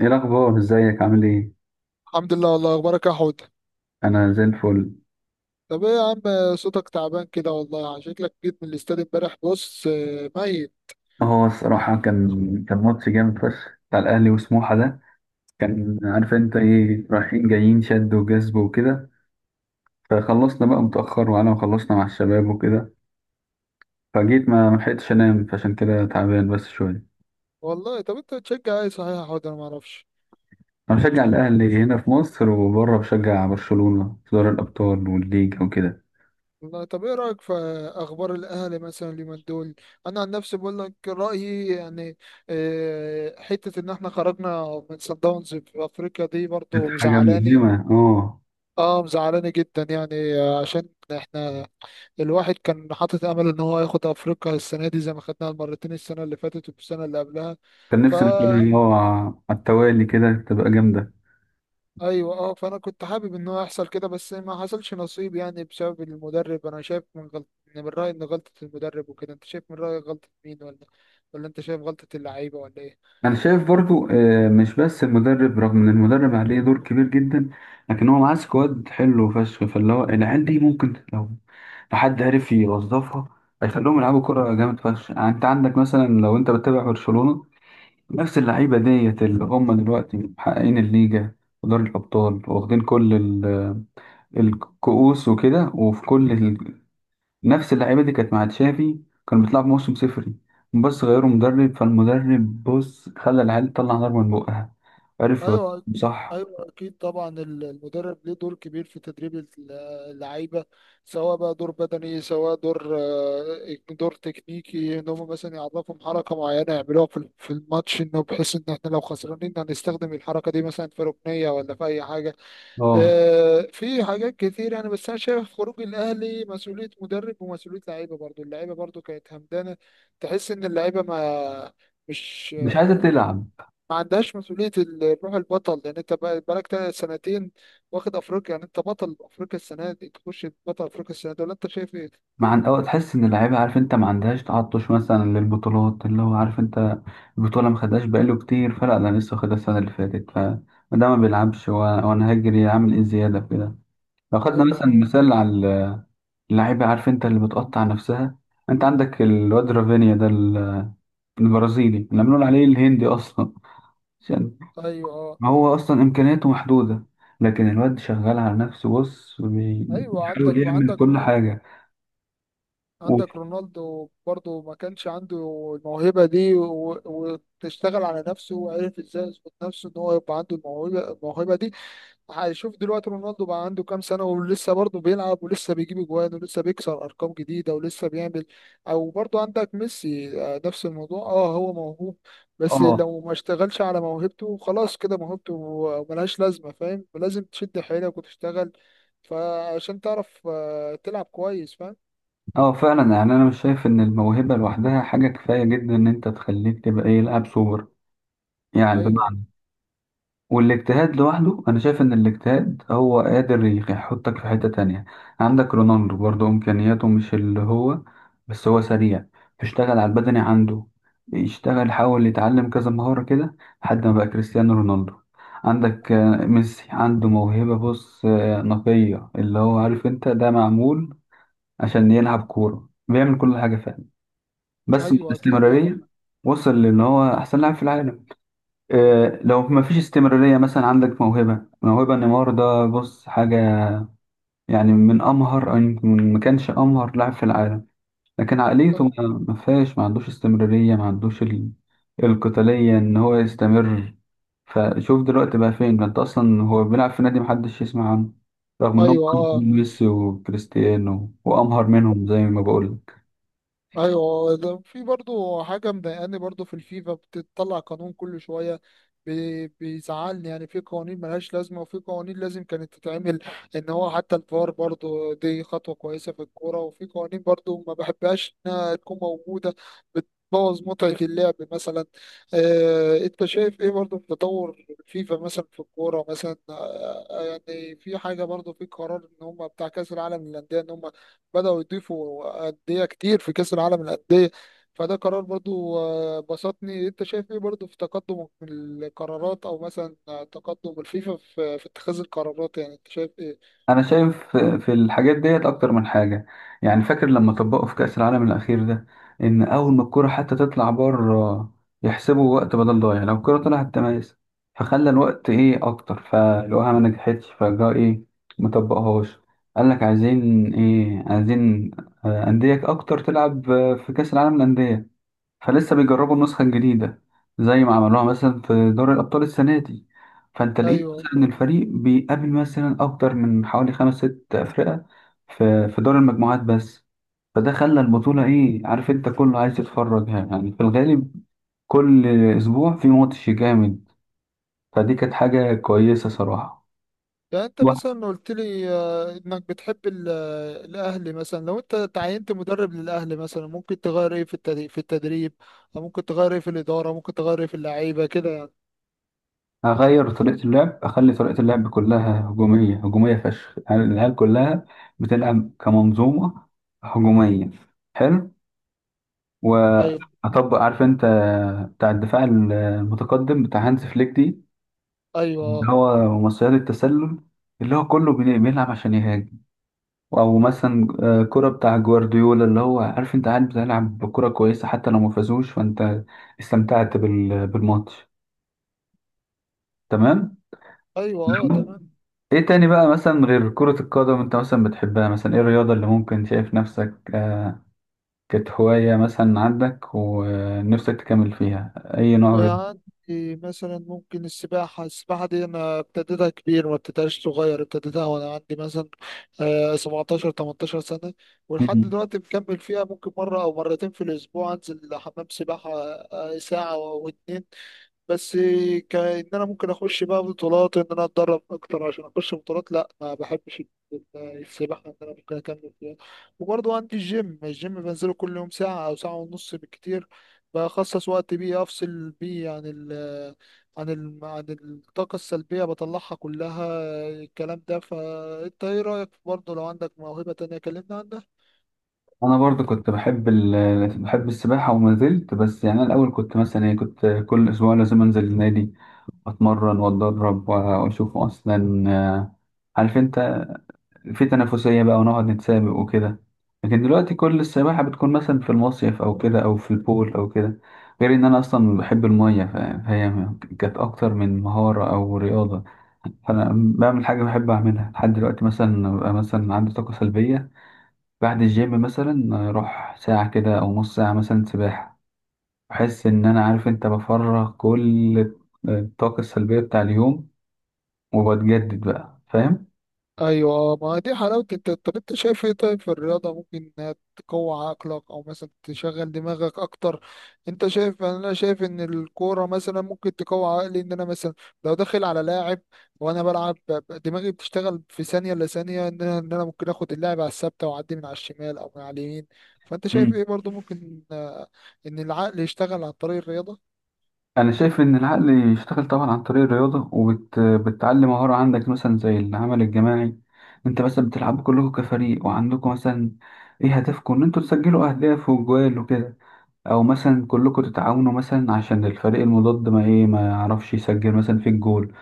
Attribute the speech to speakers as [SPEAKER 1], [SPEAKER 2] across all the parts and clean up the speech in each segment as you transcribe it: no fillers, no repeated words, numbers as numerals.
[SPEAKER 1] ايه الاخبار؟ ازيك؟ عامل ايه؟
[SPEAKER 2] الحمد لله، والله. اخبارك يا حوت؟
[SPEAKER 1] انا زي الفل.
[SPEAKER 2] طب ايه يا عم؟ صوتك تعبان كده والله، يعني شكلك جيت من الاستاد امبارح. بص، ميت.
[SPEAKER 1] هو الصراحه كان ماتش جامد فشخ بتاع الاهلي وسموحه ده، كان عارف انت ايه، رايحين جايين، شد وجذب وكده. فخلصنا بقى متاخر، وانا وخلصنا مع الشباب وكده، فجيت ما لحقتش انام، فعشان كده تعبان بس شويه.
[SPEAKER 2] والله، طب انت بتشجع ايه صحيح يا حوت؟ انا ما اعرفش.
[SPEAKER 1] انا بشجع الاهلي هنا في مصر، وبره بشجع برشلونه في دوري الابطال والليج وكده.
[SPEAKER 2] والله، طب ايه رايك في اخبار الاهلي مثلا اليومين دول؟ انا عن نفسي بقول لك رايي يعني. حته ان احنا خرجنا من صن داونز في افريقيا دي
[SPEAKER 1] كانت
[SPEAKER 2] برضه
[SPEAKER 1] حاجه
[SPEAKER 2] مزعلاني.
[SPEAKER 1] ملهمه، اه.
[SPEAKER 2] اه، مزعلاني جدا يعني. عشان احنا، الواحد كان حاطط امل ان هو ياخد افريقيا السنه دي زي ما خدناها مرتين السنه اللي فاتت والسنه اللي قبلها.
[SPEAKER 1] كان نفسي ان
[SPEAKER 2] فا
[SPEAKER 1] كده، اه، على التوالي كده تبقى جامده.
[SPEAKER 2] ايوه اه، فانا كنت حابب ان هو يحصل كده، بس ما حصلش نصيب يعني بسبب المدرب. انا شايف من غلط، من رايي ان غلطه المدرب وكده. انت شايف من رايك غلطه مين؟ ولا انت شايف غلطه اللعيبه؟ ولا ايه؟
[SPEAKER 1] انا شايف برضو مش بس المدرب، رغم ان المدرب عليه دور كبير جدا، لكن هو معاه سكواد حلو فشخ، فاللي هو العيال دي ممكن لو حد عرف يوظفها هيخليهم يلعبوا كرة جامد فشخ. يعني انت عندك مثلا، لو انت بتتابع برشلونة، نفس اللعيبة ديت اللي هم دلوقتي محققين الليجا ودوري الأبطال، واخدين كل الكؤوس وكده، وفي نفس اللعيبه دي كانت مع تشافي كانوا بيطلعوا بموسم صفري، بس غيروا مدرب، فالمدرب بص خلى العيال تطلع نار من بقها، عرف يوظفهم،
[SPEAKER 2] ايوه،
[SPEAKER 1] صح.
[SPEAKER 2] ايوه اكيد طبعا. المدرب ليه دور كبير في تدريب اللعيبه، سواء بقى دور بدني، سواء دور تكنيكي، ان هم مثلا يعرفهم حركه معينه يعملوها في الماتش، انه بحيث ان احنا لو خسرانين هنستخدم الحركه دي مثلا في ركنيه ولا في اي حاجه.
[SPEAKER 1] اه،
[SPEAKER 2] في حاجات كتير يعني. بس انا شايف خروج الاهلي مسؤوليه مدرب ومسؤوليه لعيبه برضو، اللعيبه برضو كانت همدانه. تحس ان اللعيبه مش
[SPEAKER 1] مش عايزه تلعب.
[SPEAKER 2] ما عندهاش مسؤولية روح البطل، لأن أنت بقالك سنتين واخد أفريقيا. يعني أنت بطل أفريقيا السنة دي، تخش بطل أفريقيا السنة دي؟ ولا أنت شايف إيه؟
[SPEAKER 1] مع أو تحس ان اللعيبه، عارف انت، ما عندهاش تعطش مثلا للبطولات، اللي هو عارف انت البطوله ما خدهاش بقاله كتير، فلا انا لسه خدها السنه اللي فاتت، فما ده ما بيلعبش، وانا هجري اعمل ايه زياده في كده. لو خدنا
[SPEAKER 2] أيوه
[SPEAKER 1] مثلا
[SPEAKER 2] أه.
[SPEAKER 1] مثال على اللعيبه، عارف انت، اللي بتقطع نفسها، انت عندك الواد رافينيا ده البرازيلي، نعملون عليه الهندي اصلا، عشان
[SPEAKER 2] أيوه أه.
[SPEAKER 1] هو اصلا امكانياته محدوده، لكن الواد شغال على نفسه، بص،
[SPEAKER 2] أيوه.
[SPEAKER 1] بيحاول يعمل كل حاجه. و...
[SPEAKER 2] عندك رونالدو برضه ما كانش عنده الموهبة دي، و- وتشتغل على نفسه وعرف إزاي يظبط نفسه إن هو يبقى عنده الموهبة دي. هشوف دلوقتي رونالدو بقى عنده كام سنة ولسه برضه بيلعب، ولسه بيجيب اجوان، ولسه بيكسر ارقام جديدة، ولسه بيعمل. او برضه عندك ميسي، نفس الموضوع. اه هو موهوب، بس
[SPEAKER 1] اه،
[SPEAKER 2] لو ما اشتغلش على موهبته خلاص كده موهبته ملهاش لازمة. فاهم؟ لازم تشد حيلك وتشتغل فعشان تعرف تلعب كويس. فاهم؟
[SPEAKER 1] اه، فعلا. يعني انا مش شايف ان الموهبه لوحدها حاجه كفايه جدا ان انت تخليك تبقى ايه، لاعب سوبر، يعني،
[SPEAKER 2] ايوه،
[SPEAKER 1] بمعنى، والاجتهاد لوحده انا شايف ان الاجتهاد هو قادر يحطك في حتة تانية. عندك رونالدو برضه امكانياته مش اللي هو، بس هو سريع، بيشتغل على البدني عنده، يشتغل، حاول يتعلم كذا مهارة كده لحد ما بقى كريستيانو رونالدو. عندك ميسي عنده موهبة، بص، نقية، اللي هو عارف انت ده معمول عشان يلعب كورة، بيعمل كل حاجة فعلا، بس من
[SPEAKER 2] ايوه اكيد طبعا.
[SPEAKER 1] الاستمرارية وصل لان هو احسن لاعب في العالم.
[SPEAKER 2] مم.
[SPEAKER 1] لو ما فيش استمرارية، مثلا عندك موهبة نيمار ده، بص، حاجة يعني من أمهر، أو يمكن ما كانش أمهر لاعب في العالم، لكن عقليته ما فيهاش، ما عندوش استمرارية، ما عندوش القتالية إن هو يستمر. فشوف دلوقتي بقى فين ده، أنت أصلا هو بيلعب في نادي محدش يسمع عنه، رغم إنهم
[SPEAKER 2] ايوه
[SPEAKER 1] أكتر
[SPEAKER 2] اه.
[SPEAKER 1] من ميسي وكريستيانو وأمهر منهم، زي ما بقول.
[SPEAKER 2] ايوه، ده في برضو حاجه مضايقاني برضو، في الفيفا بتطلع قانون كل شويه. بيزعلني يعني، في قوانين ملهاش لازمه، وفي قوانين لازم كانت تتعمل. ان هو حتى الفار برضو دي خطوه كويسه في الكوره، وفي قوانين برضو ما بحبهاش انها تكون موجوده، بتبوظ متعه اللعب مثلا. انت شايف ايه برضو في تطور الفيفا مثلا في الكوره مثلا؟ يعني في حاجه برضو في قرار ان هم بتاع كاس العالم للانديه، ان هم بدأوا يضيفوا أندية كتير في كأس العالم للأندية. فده قرار برضو بسطني. انت شايف ايه برضو في تقدم القرارات، او مثلا تقدم الفيفا في اتخاذ القرارات؟ يعني انت شايف ايه؟
[SPEAKER 1] انا شايف في الحاجات ديت اكتر من حاجه. يعني فاكر لما طبقوا في كاس العالم الاخير ده، ان اول ما الكره حتى تطلع بره يحسبوا وقت بدل ضايع، لو الكره طلعت تميز، فخلى الوقت ايه، اكتر، فلقوها ما نجحتش، فجاء ايه، ما طبقهاش. قال لك عايزين ايه، عايزين انديه اكتر تلعب في كاس العالم للانديه، فلسه بيجربوا النسخة الجديدة زي ما عملوها مثلا في دوري الأبطال السنة دي. فأنت لقيت
[SPEAKER 2] ايوه.
[SPEAKER 1] مثلا إن الفريق بيقابل مثلا أكتر من حوالي خمس ست أفرقة في دور المجموعات بس، فده خلى البطولة إيه، عارف أنت، كله عايز يتفرج. يعني يعني في الغالب كل أسبوع في ماتش جامد، فدي كانت حاجة كويسة صراحة.
[SPEAKER 2] يعني انت
[SPEAKER 1] واحد،
[SPEAKER 2] مثلا قلت لي انك بتحب الاهلي مثلا. لو انت تعينت مدرب للاهلي مثلا، ممكن تغير ايه في التدريب، او ممكن تغير ايه في الاداره، ممكن تغير ايه في اللعيبه كده يعني؟
[SPEAKER 1] هغير طريقة اللعب، أخلي طريقة اللعب كلها هجومية هجومية فشخ، يعني العيال كلها بتلعب كمنظومة هجومية، حلو،
[SPEAKER 2] ايوه.
[SPEAKER 1] وهطبق، عارف انت، بتاع الدفاع المتقدم بتاع هانز فليك دي،
[SPEAKER 2] ايوه.
[SPEAKER 1] اللي هو مصيدة التسلل، اللي هو كله بيلعب عشان يهاجم. او مثلا كرة بتاع جوارديولا، اللي هو عارف انت قاعد بتلعب بكرة كويسة، حتى لو ما فازوش فانت استمتعت بالماتش، تمام.
[SPEAKER 2] ايوه اه
[SPEAKER 1] لو-
[SPEAKER 2] تمام.
[SPEAKER 1] ايه تاني بقى مثلا غير كرة القدم انت مثلا بتحبها، مثلا ايه الرياضة اللي ممكن شايف نفسك، كانت هواية مثلا عندك ونفسك تكمل فيها، اي نوع
[SPEAKER 2] عندي مثلا ممكن السباحة دي أنا ابتديتها كبير، ما ابتديتهاش صغير. ابتديتها وأنا عندي مثلا 17 18 سنة، ولحد
[SPEAKER 1] رياضة؟
[SPEAKER 2] دلوقتي مكمل فيها. ممكن مرة أو مرتين في الأسبوع أنزل حمام سباحة ساعة واتنين بس. كأن انا ممكن اخش بقى بطولات، ان انا اتدرب اكتر عشان اخش بطولات، لا ما بحبش السباحه ان انا ممكن اكمل فيها. وبرضه عندي الجيم بنزله كل يوم ساعه او ساعه ونص بالكتير، بخصص وقت بيه افصل بيه عن ال، عن الطاقه السلبيه بطلعها كلها. الكلام ده، فانت ايه رايك برضه لو عندك موهبه تانية؟ كلمنا عنها.
[SPEAKER 1] انا برضه كنت بحب بحب السباحه وما زلت، بس يعني انا الاول كنت مثلا ايه، كنت كل اسبوع لازم انزل النادي، اتمرن واتدرب، واشوف اصلا، عارف انت، في تنافسيه بقى، ونقعد نتسابق وكده. لكن دلوقتي كل السباحه بتكون مثلا في المصيف او كده، او في البول او كده. غير ان انا اصلا بحب الميه، فهي كانت اكتر من مهاره او رياضه، فانا بعمل حاجه بحب اعملها لحد دلوقتي. مثلا ببقى مثلا عندي طاقه سلبيه بعد الجيم، مثلا اروح ساعة كده او نص ساعة مثلا سباحة، بحس ان انا، عارف انت، بفرغ كل الطاقة السلبية بتاع اليوم، وبتجدد بقى، فاهم.
[SPEAKER 2] ايوه، ما دي حلاوه. طب انت شايف ايه طيب في الرياضه، ممكن انها تقوي عقلك او مثلا تشغل دماغك اكتر؟ انت شايف؟ انا شايف ان الكوره مثلا ممكن تقوي عقلي، ان انا مثلا لو داخل على لاعب وانا بلعب، دماغي بتشتغل في ثانيه الا ثانيه، ان انا ممكن اخد اللاعب على الثابته واعدي من على الشمال او من على اليمين. فانت شايف
[SPEAKER 1] مم.
[SPEAKER 2] ايه برضو؟ ممكن ان العقل يشتغل عن طريق الرياضه؟
[SPEAKER 1] انا شايف ان العقل يشتغل طبعا عن طريق الرياضة، وبتعلم مهارة عندك مثلا زي العمل الجماعي. انت مثلا بتلعبوا كلكم كفريق، وعندكم مثلا ايه، هدفكم ان انتوا تسجلوا اهداف وجوال وكده، او مثلا كلكم تتعاونوا مثلا عشان الفريق المضاد ما يعرفش يسجل مثلا في الجول،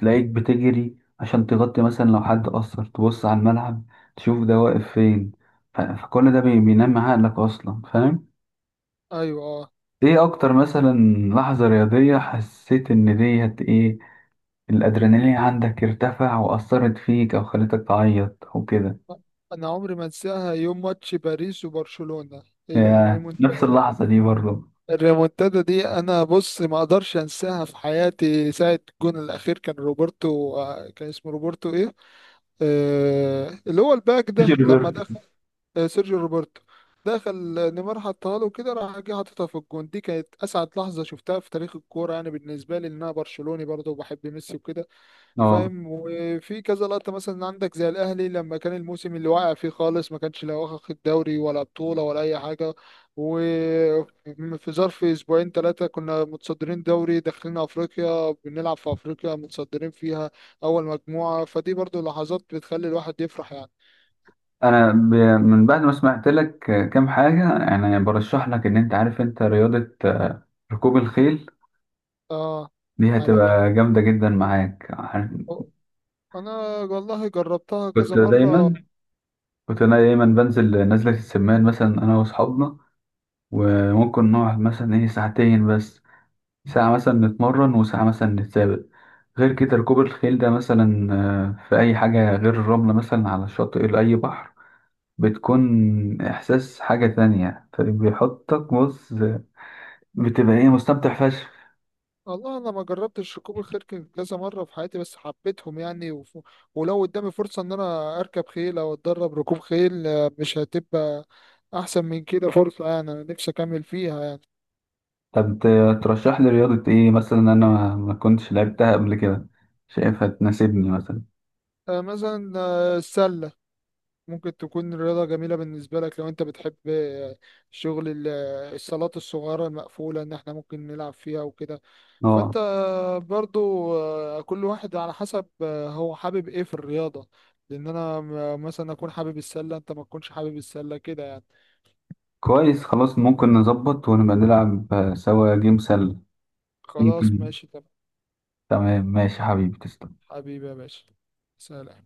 [SPEAKER 1] تلاقيك بتجري عشان تغطي مثلا لو حد قصر، تبص على الملعب، تشوف ده واقف فين، فكل ده بينمي عقلك اصلا، فاهم.
[SPEAKER 2] ايوه.
[SPEAKER 1] ايه اكتر مثلا لحظة رياضية حسيت ان ديت ايه، الادرينالين عندك ارتفع واثرت فيك او خلتك تعيط او كده؟
[SPEAKER 2] انا عمري ما انساها، يوم ماتش باريس وبرشلونه،
[SPEAKER 1] يا نفس
[SPEAKER 2] الريمونتادا.
[SPEAKER 1] اللحظة دي برضه.
[SPEAKER 2] الريمونتادا دي، انا بص ما اقدرش انساها في حياتي. ساعه الجون الاخير، كان روبرتو، كان اسمه روبرتو ايه، آه اللي هو الباك ده لما
[SPEAKER 1] جيلبرتو.
[SPEAKER 2] دخل، آه سيرجيو روبرتو. دخل، نيمار حطها له كده، راح جه حاططها في الجون. دي كانت اسعد لحظه شفتها في تاريخ الكوره يعني، بالنسبه لي ان انا برشلوني برضه وبحب ميسي وكده.
[SPEAKER 1] اه.
[SPEAKER 2] فاهم؟ وفي كذا لقطة مثلا عندك، زي الأهلي لما كان الموسم اللي واقع فيه خالص، ما كانش لا واخد دوري ولا بطولة ولا أي حاجة، وفي ظرف أسبوعين ثلاثة كنا متصدرين دوري، داخلين أفريقيا بنلعب في أفريقيا متصدرين فيها أول مجموعة. فدي برضو لحظات بتخلي الواحد يفرح يعني.
[SPEAKER 1] انا ب... من بعد ما سمعت لك كام حاجه، يعني برشح لك ان انت، عارف انت، رياضه ركوب الخيل،
[SPEAKER 2] آه
[SPEAKER 1] دي
[SPEAKER 2] عارف.
[SPEAKER 1] هتبقى جامده جدا معاك،
[SPEAKER 2] أنا والله جربتها كذا
[SPEAKER 1] كنت دايما
[SPEAKER 2] مرة.
[SPEAKER 1] كنت انا دايما بنزل نزله السمان، مثلا انا واصحابنا، وممكن نقعد مثلا ايه ساعتين بس، ساعه مثلا نتمرن وساعه مثلا نتسابق. غير كده ركوب الخيل ده مثلا في اي حاجه، غير الرمله مثلا على الشاطئ لاي بحر، بتكون احساس حاجه تانية، فبيحطك بص، بتبقى ايه، مستمتع فشخ.
[SPEAKER 2] والله انا ما جربتش ركوب الخيل كذا مره في حياتي، بس حبيتهم يعني. ولو قدامي فرصه ان انا اركب خيل او اتدرب ركوب خيل، مش هتبقى احسن من كده فرصه يعني. انا نفسي اكمل فيها يعني.
[SPEAKER 1] طب ترشح لي رياضة ايه مثلا انا ما كنتش لعبتها قبل كده، شايفها تناسبني مثلا؟
[SPEAKER 2] مثلا السله ممكن تكون رياضة جميلة بالنسبة لك، لو انت بتحب شغل الصالات الصغيرة المقفولة، ان احنا ممكن نلعب فيها وكده.
[SPEAKER 1] اه،
[SPEAKER 2] فانت برضو، كل واحد على حسب هو حابب ايه في الرياضة. لان انا مثلا اكون حابب السلة، انت ما تكونش حابب السلة كده يعني.
[SPEAKER 1] كويس، خلاص، ممكن نظبط ونبقى نلعب سوا جيم سله،
[SPEAKER 2] خلاص،
[SPEAKER 1] ممكن.
[SPEAKER 2] ماشي تمام.
[SPEAKER 1] تمام، ماشي حبيبي، تسلم.
[SPEAKER 2] حبيبي يا باشا، سلام.